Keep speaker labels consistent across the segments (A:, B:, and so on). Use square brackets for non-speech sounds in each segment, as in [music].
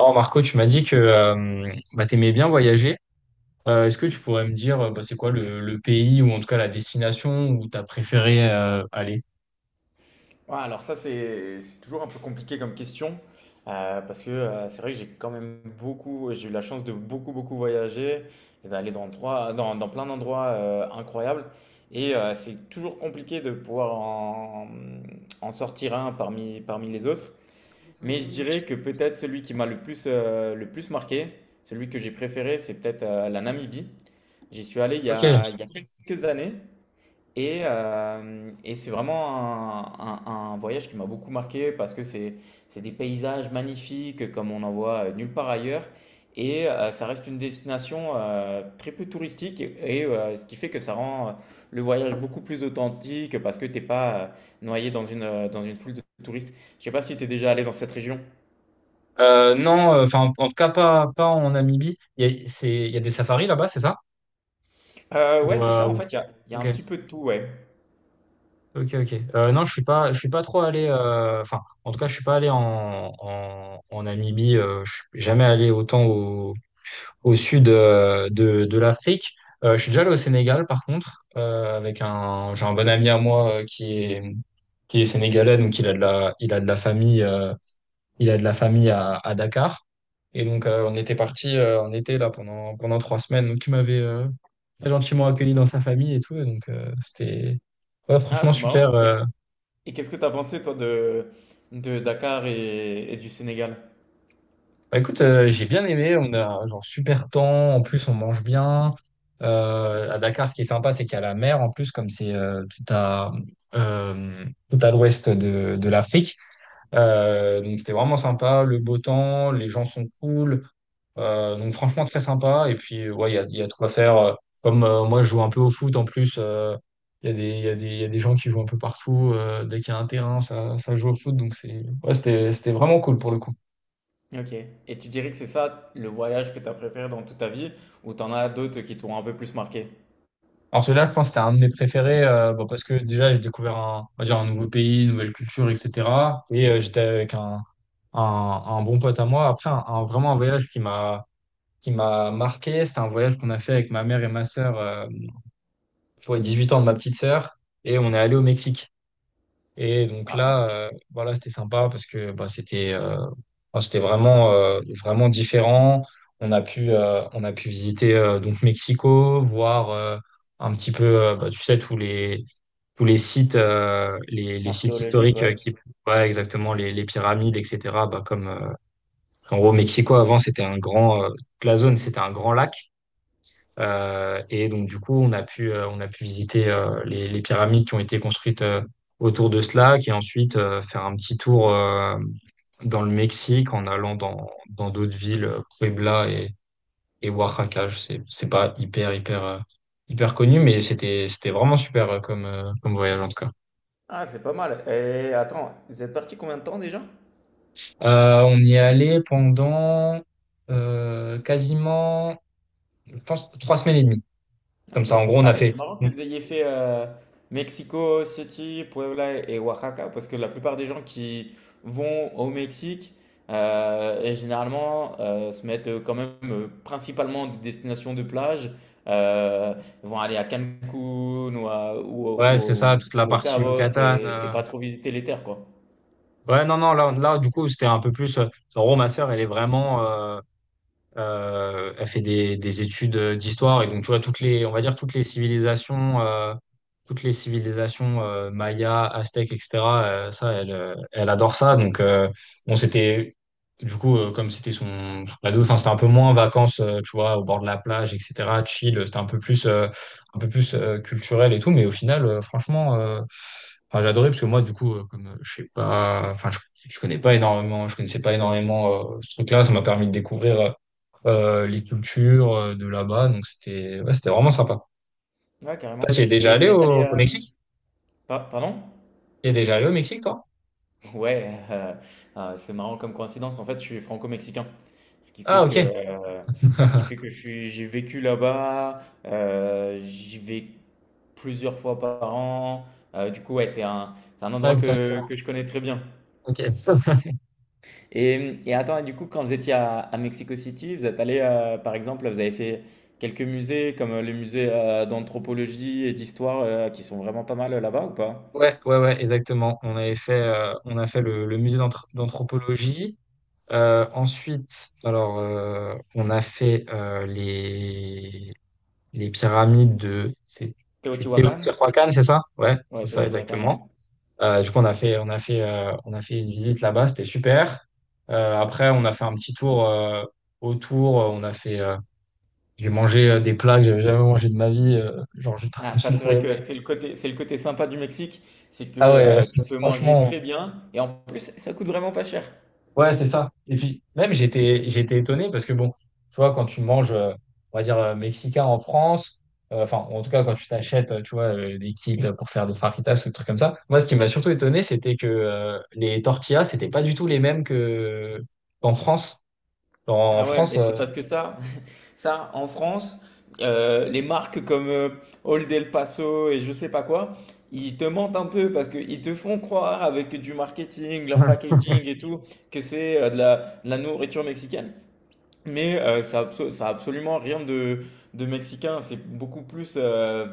A: Oh Marco, tu m'as dit que bah, tu aimais bien voyager. Est-ce que tu pourrais me dire bah, c'est quoi le pays ou en tout cas la destination où tu as préféré aller?
B: Ouais, alors ça, c'est toujours un peu compliqué comme question, parce que c'est vrai que j'ai quand même beaucoup, j'ai eu la chance de beaucoup, beaucoup voyager et d'aller dans, dans, dans plein d'endroits incroyables. Et c'est toujours compliqué de pouvoir en, en sortir un parmi, parmi les autres. Mais je dirais que peut-être celui qui m'a le plus marqué, celui que j'ai préféré, c'est peut-être la Namibie. J'y suis allé
A: Ok.
B: il y a quelques années et c'est vraiment un, un voyage qui m'a beaucoup marqué parce que c'est des paysages magnifiques comme on en voit nulle part ailleurs. Et ça reste une destination très peu touristique et ce qui fait que ça rend le voyage beaucoup plus authentique parce que t'es pas noyé dans une foule de touristes. Je sais pas si tu es déjà allé dans cette région.
A: Non, enfin en tout cas pas en Namibie. Il y a des safaris là-bas, c'est ça?
B: Ouais,
A: Ou,
B: c'est
A: euh,
B: ça, en
A: ou-
B: fait, il y a
A: Ok,
B: un petit peu de tout, ouais.
A: ok, ok. Non, je suis pas trop allé. Enfin, en tout cas, je suis pas allé en Namibie. Je suis jamais allé autant au sud de l'Afrique. Je suis déjà allé au Sénégal, par contre, j'ai un bon ami à moi, qui est sénégalais, donc il a de la famille à Dakar. Et donc, on était parti en été là pendant 3 semaines. Donc, il m'avait très gentiment accueilli dans sa famille et tout. Et donc, c'était ouais,
B: Ah,
A: franchement
B: c'est
A: super.
B: marrant. Et qu'est-ce que tu as pensé, toi, de, Dakar et du Sénégal?
A: Bah, écoute, j'ai bien aimé. On a genre super temps. En plus, on mange bien. À Dakar, ce qui est sympa, c'est qu'il y a la mer. En plus, comme c'est euh, tout à l'ouest de l'Afrique. Donc c'était vraiment sympa. Le beau temps, les gens sont cool. Donc franchement, très sympa. Et puis, ouais, il y a de quoi faire. Comme moi, je joue un peu au foot en plus. Il y a des gens qui jouent un peu partout. Dès qu'il y a un terrain, ça joue au foot. Donc ouais, c'était vraiment cool pour le coup.
B: OK, et tu dirais que c'est ça le voyage que tu as préféré dans toute ta vie ou t'en as d'autres qui t'ont un peu plus marqué?
A: Alors celui-là, je pense que c'était un de mes préférés, bon, parce que déjà, j'ai découvert on va dire un nouveau pays, une nouvelle culture, etc. Et j'étais avec un bon pote à moi. Après, vraiment un voyage qui m'a marqué, c'était un voyage qu'on a fait avec ma mère et ma sœur, pour les 18 ans de ma petite sœur. Et on est allé au Mexique. Et donc là, voilà, c'était sympa parce que bah, c'était enfin, c'était vraiment, vraiment différent. On a pu visiter, donc Mexico, voir un petit peu, bah, tu sais, tous les sites, les sites
B: Archéologique,
A: historiques,
B: ouais.
A: ouais, exactement, les pyramides, etc. Bah, comme, en gros, Mexico, avant, toute la zone, c'était un grand lac. Et donc, du coup, on a pu visiter les pyramides qui ont été construites, autour de cela, et ensuite faire un petit tour dans le Mexique en allant dans d'autres villes, Puebla et Oaxaca. C'est pas hyper, hyper, hyper connu, mais c'était vraiment super, comme voyage en tout cas.
B: Ah, c'est pas mal. Et attends, vous êtes parti combien de temps déjà?
A: On y est allé pendant quasiment, je pense, 3 semaines et demie. Comme
B: Ok.
A: ça, en gros, on
B: Ah,
A: a
B: mais
A: fait,
B: c'est marrant que vous ayez fait Mexico City, Puebla et Oaxaca, parce que la plupart des gens qui vont au Mexique, et généralement, se mettent quand même principalement des destinations de plage, euh, vont aller à Cancun ou, ou,
A: ouais,
B: ou
A: c'est
B: au
A: ça, toute la
B: ou au
A: partie
B: Cabo
A: Yucatan.
B: et, pas trop visiter les terres, quoi.
A: Ouais, non, non, là du coup, c'était un peu plus. Ma sœur, elle est vraiment. Elle fait des études d'histoire et donc tu vois on va dire toutes les civilisations, Maya, Aztèques, etc. Ça, elle, elle adore ça. Donc, bon, c'était du coup, comme c'était son ado, enfin c'était un peu moins vacances, tu vois, au bord de la plage, etc. Chill, c'était un peu plus culturel et tout. Mais au final, franchement, enfin, j'ai adoré parce que moi, du coup, comme je sais pas, je connaissais pas énormément, ce truc-là, ça m'a permis de découvrir. Les cultures de là-bas. Donc c'était ouais, c'était vraiment sympa.
B: Ouais, carrément.
A: Ah, tu es déjà
B: Et
A: allé
B: vous êtes allé...
A: au Mexique?
B: pardon?
A: Tu es déjà allé au Mexique, toi?
B: Ouais, c'est marrant comme coïncidence. En fait, je suis franco-mexicain. Ce qui
A: Ah,
B: fait
A: ok.
B: que,
A: [laughs]
B: je suis j'ai vécu là-bas, j'y vais plusieurs fois par an. Du coup, ouais, c'est un
A: Ah,
B: endroit
A: putain,
B: que
A: excellent.
B: que je connais très bien.
A: Ok. [laughs]
B: Et attends, et du coup, quand vous étiez à Mexico City, vous êtes allé par exemple, vous avez fait quelques musées comme, les musées, d'anthropologie et d'histoire, qui sont vraiment pas mal, là-bas ou pas?
A: Ouais, ouais, ouais, exactement. On a fait le musée d'anthropologie. Ensuite, alors, on a fait les pyramides de. C'est
B: Teotihuacan?
A: Teotihuacan, c'est ça? Ouais,
B: Ouais,
A: c'est ça,
B: Teotihuacan, ouais.
A: exactement. Du coup, on a fait une visite là-bas, c'était super. Après, on a fait un petit tour autour. J'ai mangé des plats que j'avais jamais mangé de ma vie. Genre, j'ai [laughs]
B: Ah ça,
A: j'ai
B: c'est
A: trop
B: vrai que
A: aimé.
B: c'est le côté sympa du Mexique, c'est que,
A: Ah ouais,
B: tu
A: [laughs]
B: peux manger très
A: franchement.
B: bien et en plus, ça coûte vraiment pas cher.
A: Ouais, c'est ça. Et puis, même, j'étais étonné parce que, bon, tu vois, quand tu manges, on va dire, mexicain en France, enfin, en tout cas, quand tu t'achètes, tu vois, des kills pour faire des fajitas ou des trucs comme ça, moi, ce qui m'a surtout étonné, c'était que les tortillas, c'était pas du tout les mêmes que qu'en France. En
B: Ah ouais,
A: France,
B: mais c'est parce que ça en France, les marques comme, Old El Paso et je sais pas quoi, ils te mentent un peu parce qu'ils te font croire avec du marketing, leur
A: [laughs] ouais,
B: packaging et tout, que c'est, de la nourriture mexicaine. Mais ça absolument rien de, mexicain. C'est beaucoup plus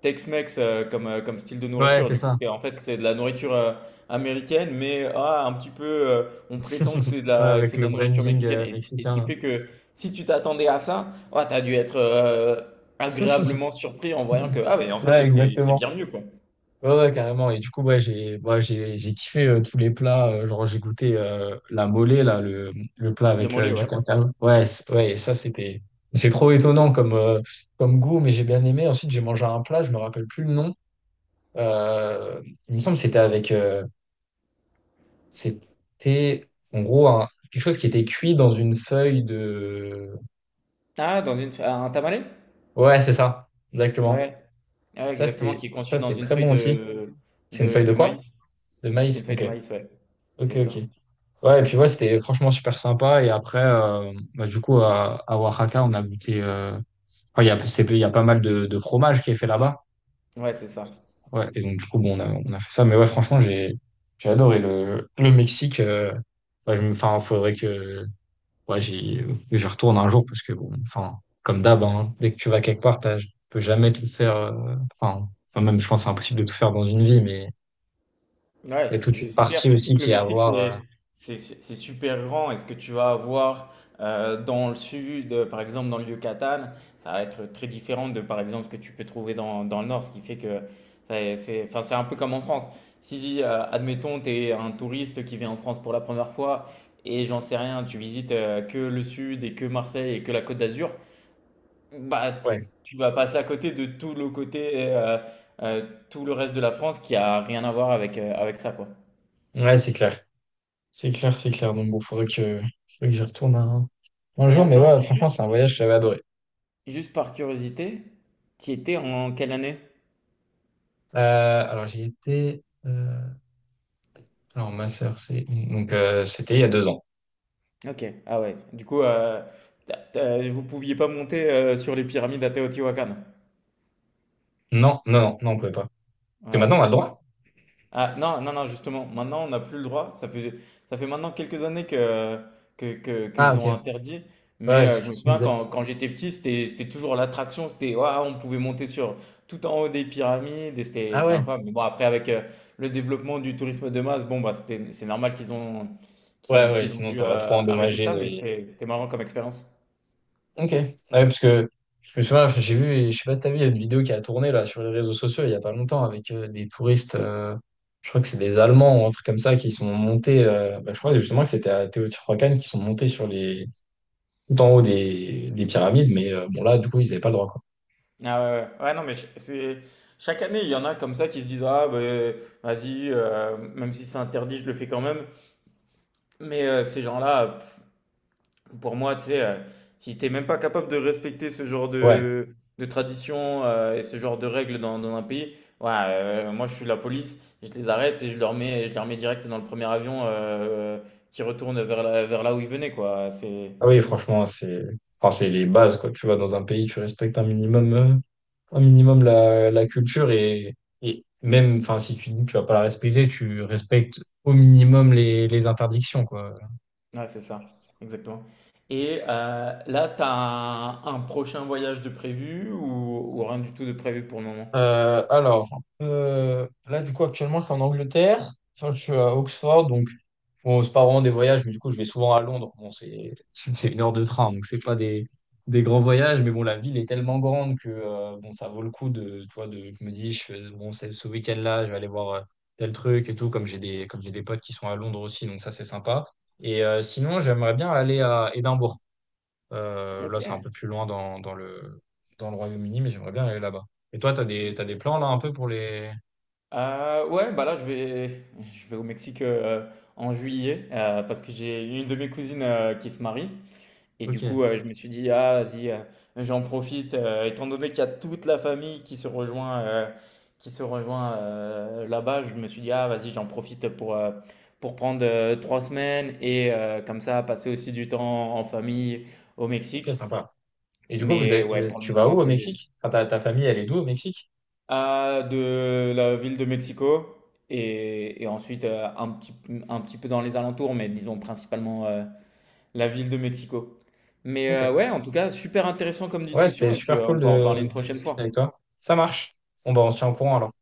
B: Tex-Mex comme, comme style de
A: ouais,
B: nourriture.
A: c'est
B: Du coup,
A: ça.
B: c'est en fait c'est de la nourriture américaine, mais ah, un petit peu, on prétend que
A: [laughs] Ouais, avec
B: c'est de
A: le
B: la nourriture
A: branding,
B: mexicaine. Et ce
A: mexicain,
B: qui
A: là.
B: fait que si tu t'attendais à ça, ah, tu t'as dû être agréablement
A: [laughs]
B: surpris en voyant que ah mais en
A: Ouais,
B: fait c'est
A: exactement.
B: bien mieux quoi.
A: Ouais, ouais, carrément. Et du coup, ouais, j'ai ouais, j'ai kiffé tous les plats. Genre, j'ai goûté la mollet, là, le plat
B: Le
A: avec
B: mollet,
A: du
B: ouais.
A: cancane. Ouais, ouais, ça, c'était. C'est trop étonnant comme goût, mais j'ai bien aimé. Ensuite, j'ai mangé un plat, je me rappelle plus le nom. Euh, il me semble que c'était avec. C'était, en gros, quelque chose qui était cuit dans une feuille de.
B: Ah, dans une un tamalé?
A: Ouais, c'est ça, exactement.
B: Ouais. Ouais, exactement, qui est
A: Ça,
B: conçu dans
A: c'était
B: une
A: très
B: feuille
A: bon aussi.
B: de,
A: C'est une feuille
B: de,
A: de
B: de
A: quoi?
B: maïs.
A: De
B: C'est une
A: maïs.
B: feuille
A: Ok.
B: de maïs, ouais.
A: Ok,
B: C'est
A: ok.
B: ça.
A: Ouais, et puis ouais, c'était franchement super sympa. Et après, bah, du coup, à Oaxaca, on a goûté. Enfin, il y a pas mal de fromage qui est fait là-bas.
B: Ouais, c'est ça.
A: Ouais, et donc, du coup, bon, on a fait ça. Mais ouais, franchement, j'ai adoré le Mexique. Ouais, enfin, faudrait que ouais, que j'y retourne un jour parce que, bon, enfin, comme d'hab, hein, dès que tu vas quelque part, tu peux jamais tout faire. Enfin, même, je pense que c'est impossible de tout faire dans une vie, mais
B: Ouais,
A: il y a toute
B: c'est
A: une
B: c'est clair.
A: partie
B: Surtout
A: aussi
B: que le
A: qui est à
B: Mexique,
A: voir.
B: c'est super grand. Et ce que tu vas avoir dans le sud, par exemple dans le Yucatan, ça va être très différent de, par exemple, ce que tu peux trouver dans, dans le nord. Ce qui fait que c'est enfin, c'est un peu comme en France. Si, admettons, tu es un touriste qui vient en France pour la première fois et j'en sais rien, tu visites que le sud et que Marseille et que la Côte d'Azur, bah,
A: Ouais,
B: tu vas passer à côté de tout le côté, tout le reste de la France qui a rien à voir avec, avec ça, quoi.
A: ouais, c'est clair. C'est clair, c'est clair. Donc bon, faudrait que j'y retourne un
B: Et
A: jour. Mais
B: attends,
A: ouais, franchement,
B: juste,
A: c'est un voyage que j'avais adoré.
B: juste par curiosité, tu étais en quelle année?
A: Euh, alors j'y étais. Alors ma sœur, c'est donc, c'était il y a 2 ans.
B: Ok, ah ouais. Du coup, vous pouviez pas monter sur les pyramides à Teotihuacan.
A: Non, non, non, non, on pouvait pas. Parce que
B: Ouais.
A: maintenant on a le droit.
B: Ah non, non, non, justement, maintenant on n'a plus le droit. Ça fait maintenant quelques années
A: Ah,
B: qu'ils ont
A: ok.
B: interdit.
A: Ouais,
B: Mais
A: c'est ce que
B: je me
A: tu
B: souviens
A: disais.
B: quand j'étais petit, c'était toujours l'attraction. C'était, ouah, on pouvait monter sur tout en haut des pyramides et c'était,
A: Ah
B: c'était
A: ouais.
B: incroyable. Mais bon, après, avec le développement du tourisme de masse, bon, bah, c'était, c'est normal
A: Ouais, ouais.
B: qu'ils ont
A: Sinon
B: dû
A: ça va trop
B: arrêter
A: endommager
B: ça, mais
A: les...
B: c'était marrant comme expérience.
A: Ok. Ouais, parce que souvent, j'ai vu, je sais pas si t'as vu, il y a une vidéo qui a tourné là sur les réseaux sociaux il y a pas longtemps avec des touristes, je crois que c'est des Allemands ou un truc comme ça, qui sont montés, bah, je crois justement que c'était à Teotihuacan, qui sont montés tout en haut des pyramides, mais bon là, du coup, ils avaient pas le droit, quoi.
B: Ah ouais, ouais. Ouais, non, mais chaque année, il y en a comme ça qui se disent, ah, bah, vas-y, même si c'est interdit, je le fais quand même. Mais ces gens-là, pff, pour moi, tu sais, si t'es même pas capable de respecter ce genre
A: Ouais.
B: de tradition et ce genre de règles dans un pays, ouais, moi je suis la police, je les arrête et je leur mets, je les remets direct dans le premier avion qui retourne vers là où ils venaient, quoi.
A: Ah oui, franchement, enfin, c'est les bases, quoi. Tu vas dans un pays, tu respectes un minimum la culture et même, enfin, si tu dis que tu vas pas la respecter, tu respectes au minimum les interdictions, quoi.
B: Ouais, c'est ça, exactement. Et là, t'as un prochain voyage de prévu ou rien du tout de prévu pour le moment?
A: Alors, là, du coup, actuellement, je suis en Angleterre. Enfin, je suis à Oxford, donc bon, c'est pas vraiment des voyages, mais du coup, je vais souvent à Londres. Bon, c'est 1 heure de train, donc c'est pas des grands voyages, mais bon, la ville est tellement grande que, bon, ça vaut le coup tu vois, je me dis, bon, c'est ce week-end-là, je vais aller voir tel truc et tout, comme comme j'ai des potes qui sont à Londres aussi, donc ça, c'est sympa. Et sinon, j'aimerais bien aller à Édimbourg. Euh,
B: Ok.
A: là, c'est un peu plus loin dans le Royaume-Uni, mais j'aimerais bien aller là-bas. Et toi, t'as des plans là un peu pour les...
B: Ouais, bah là, je vais au Mexique en juillet parce que j'ai une de mes cousines qui se marie. Et
A: Ok,
B: du coup, je me suis dit, ah, vas-y, j'en profite, étant donné qu'il y a toute la famille qui se rejoint là-bas, je me suis dit, ah, vas-y, j'en profite pour prendre 3 semaines et comme ça, passer aussi du temps en famille au
A: ok,
B: Mexique.
A: sympa. Et du coup,
B: Mais ouais, pour le
A: tu vas
B: moment,
A: où au Mexique? Enfin, ta famille, elle est d'où au Mexique?
B: de la ville de Mexico et ensuite un petit peu dans les alentours, mais disons principalement la ville de Mexico. Mais
A: Ok.
B: ouais, en tout cas, super intéressant comme
A: Ouais,
B: discussion
A: c'était
B: et puis
A: super
B: on
A: cool
B: peut en parler une
A: de
B: prochaine
A: discuter avec
B: fois.
A: toi. Ça marche. Bon, bah, on se tient au courant alors.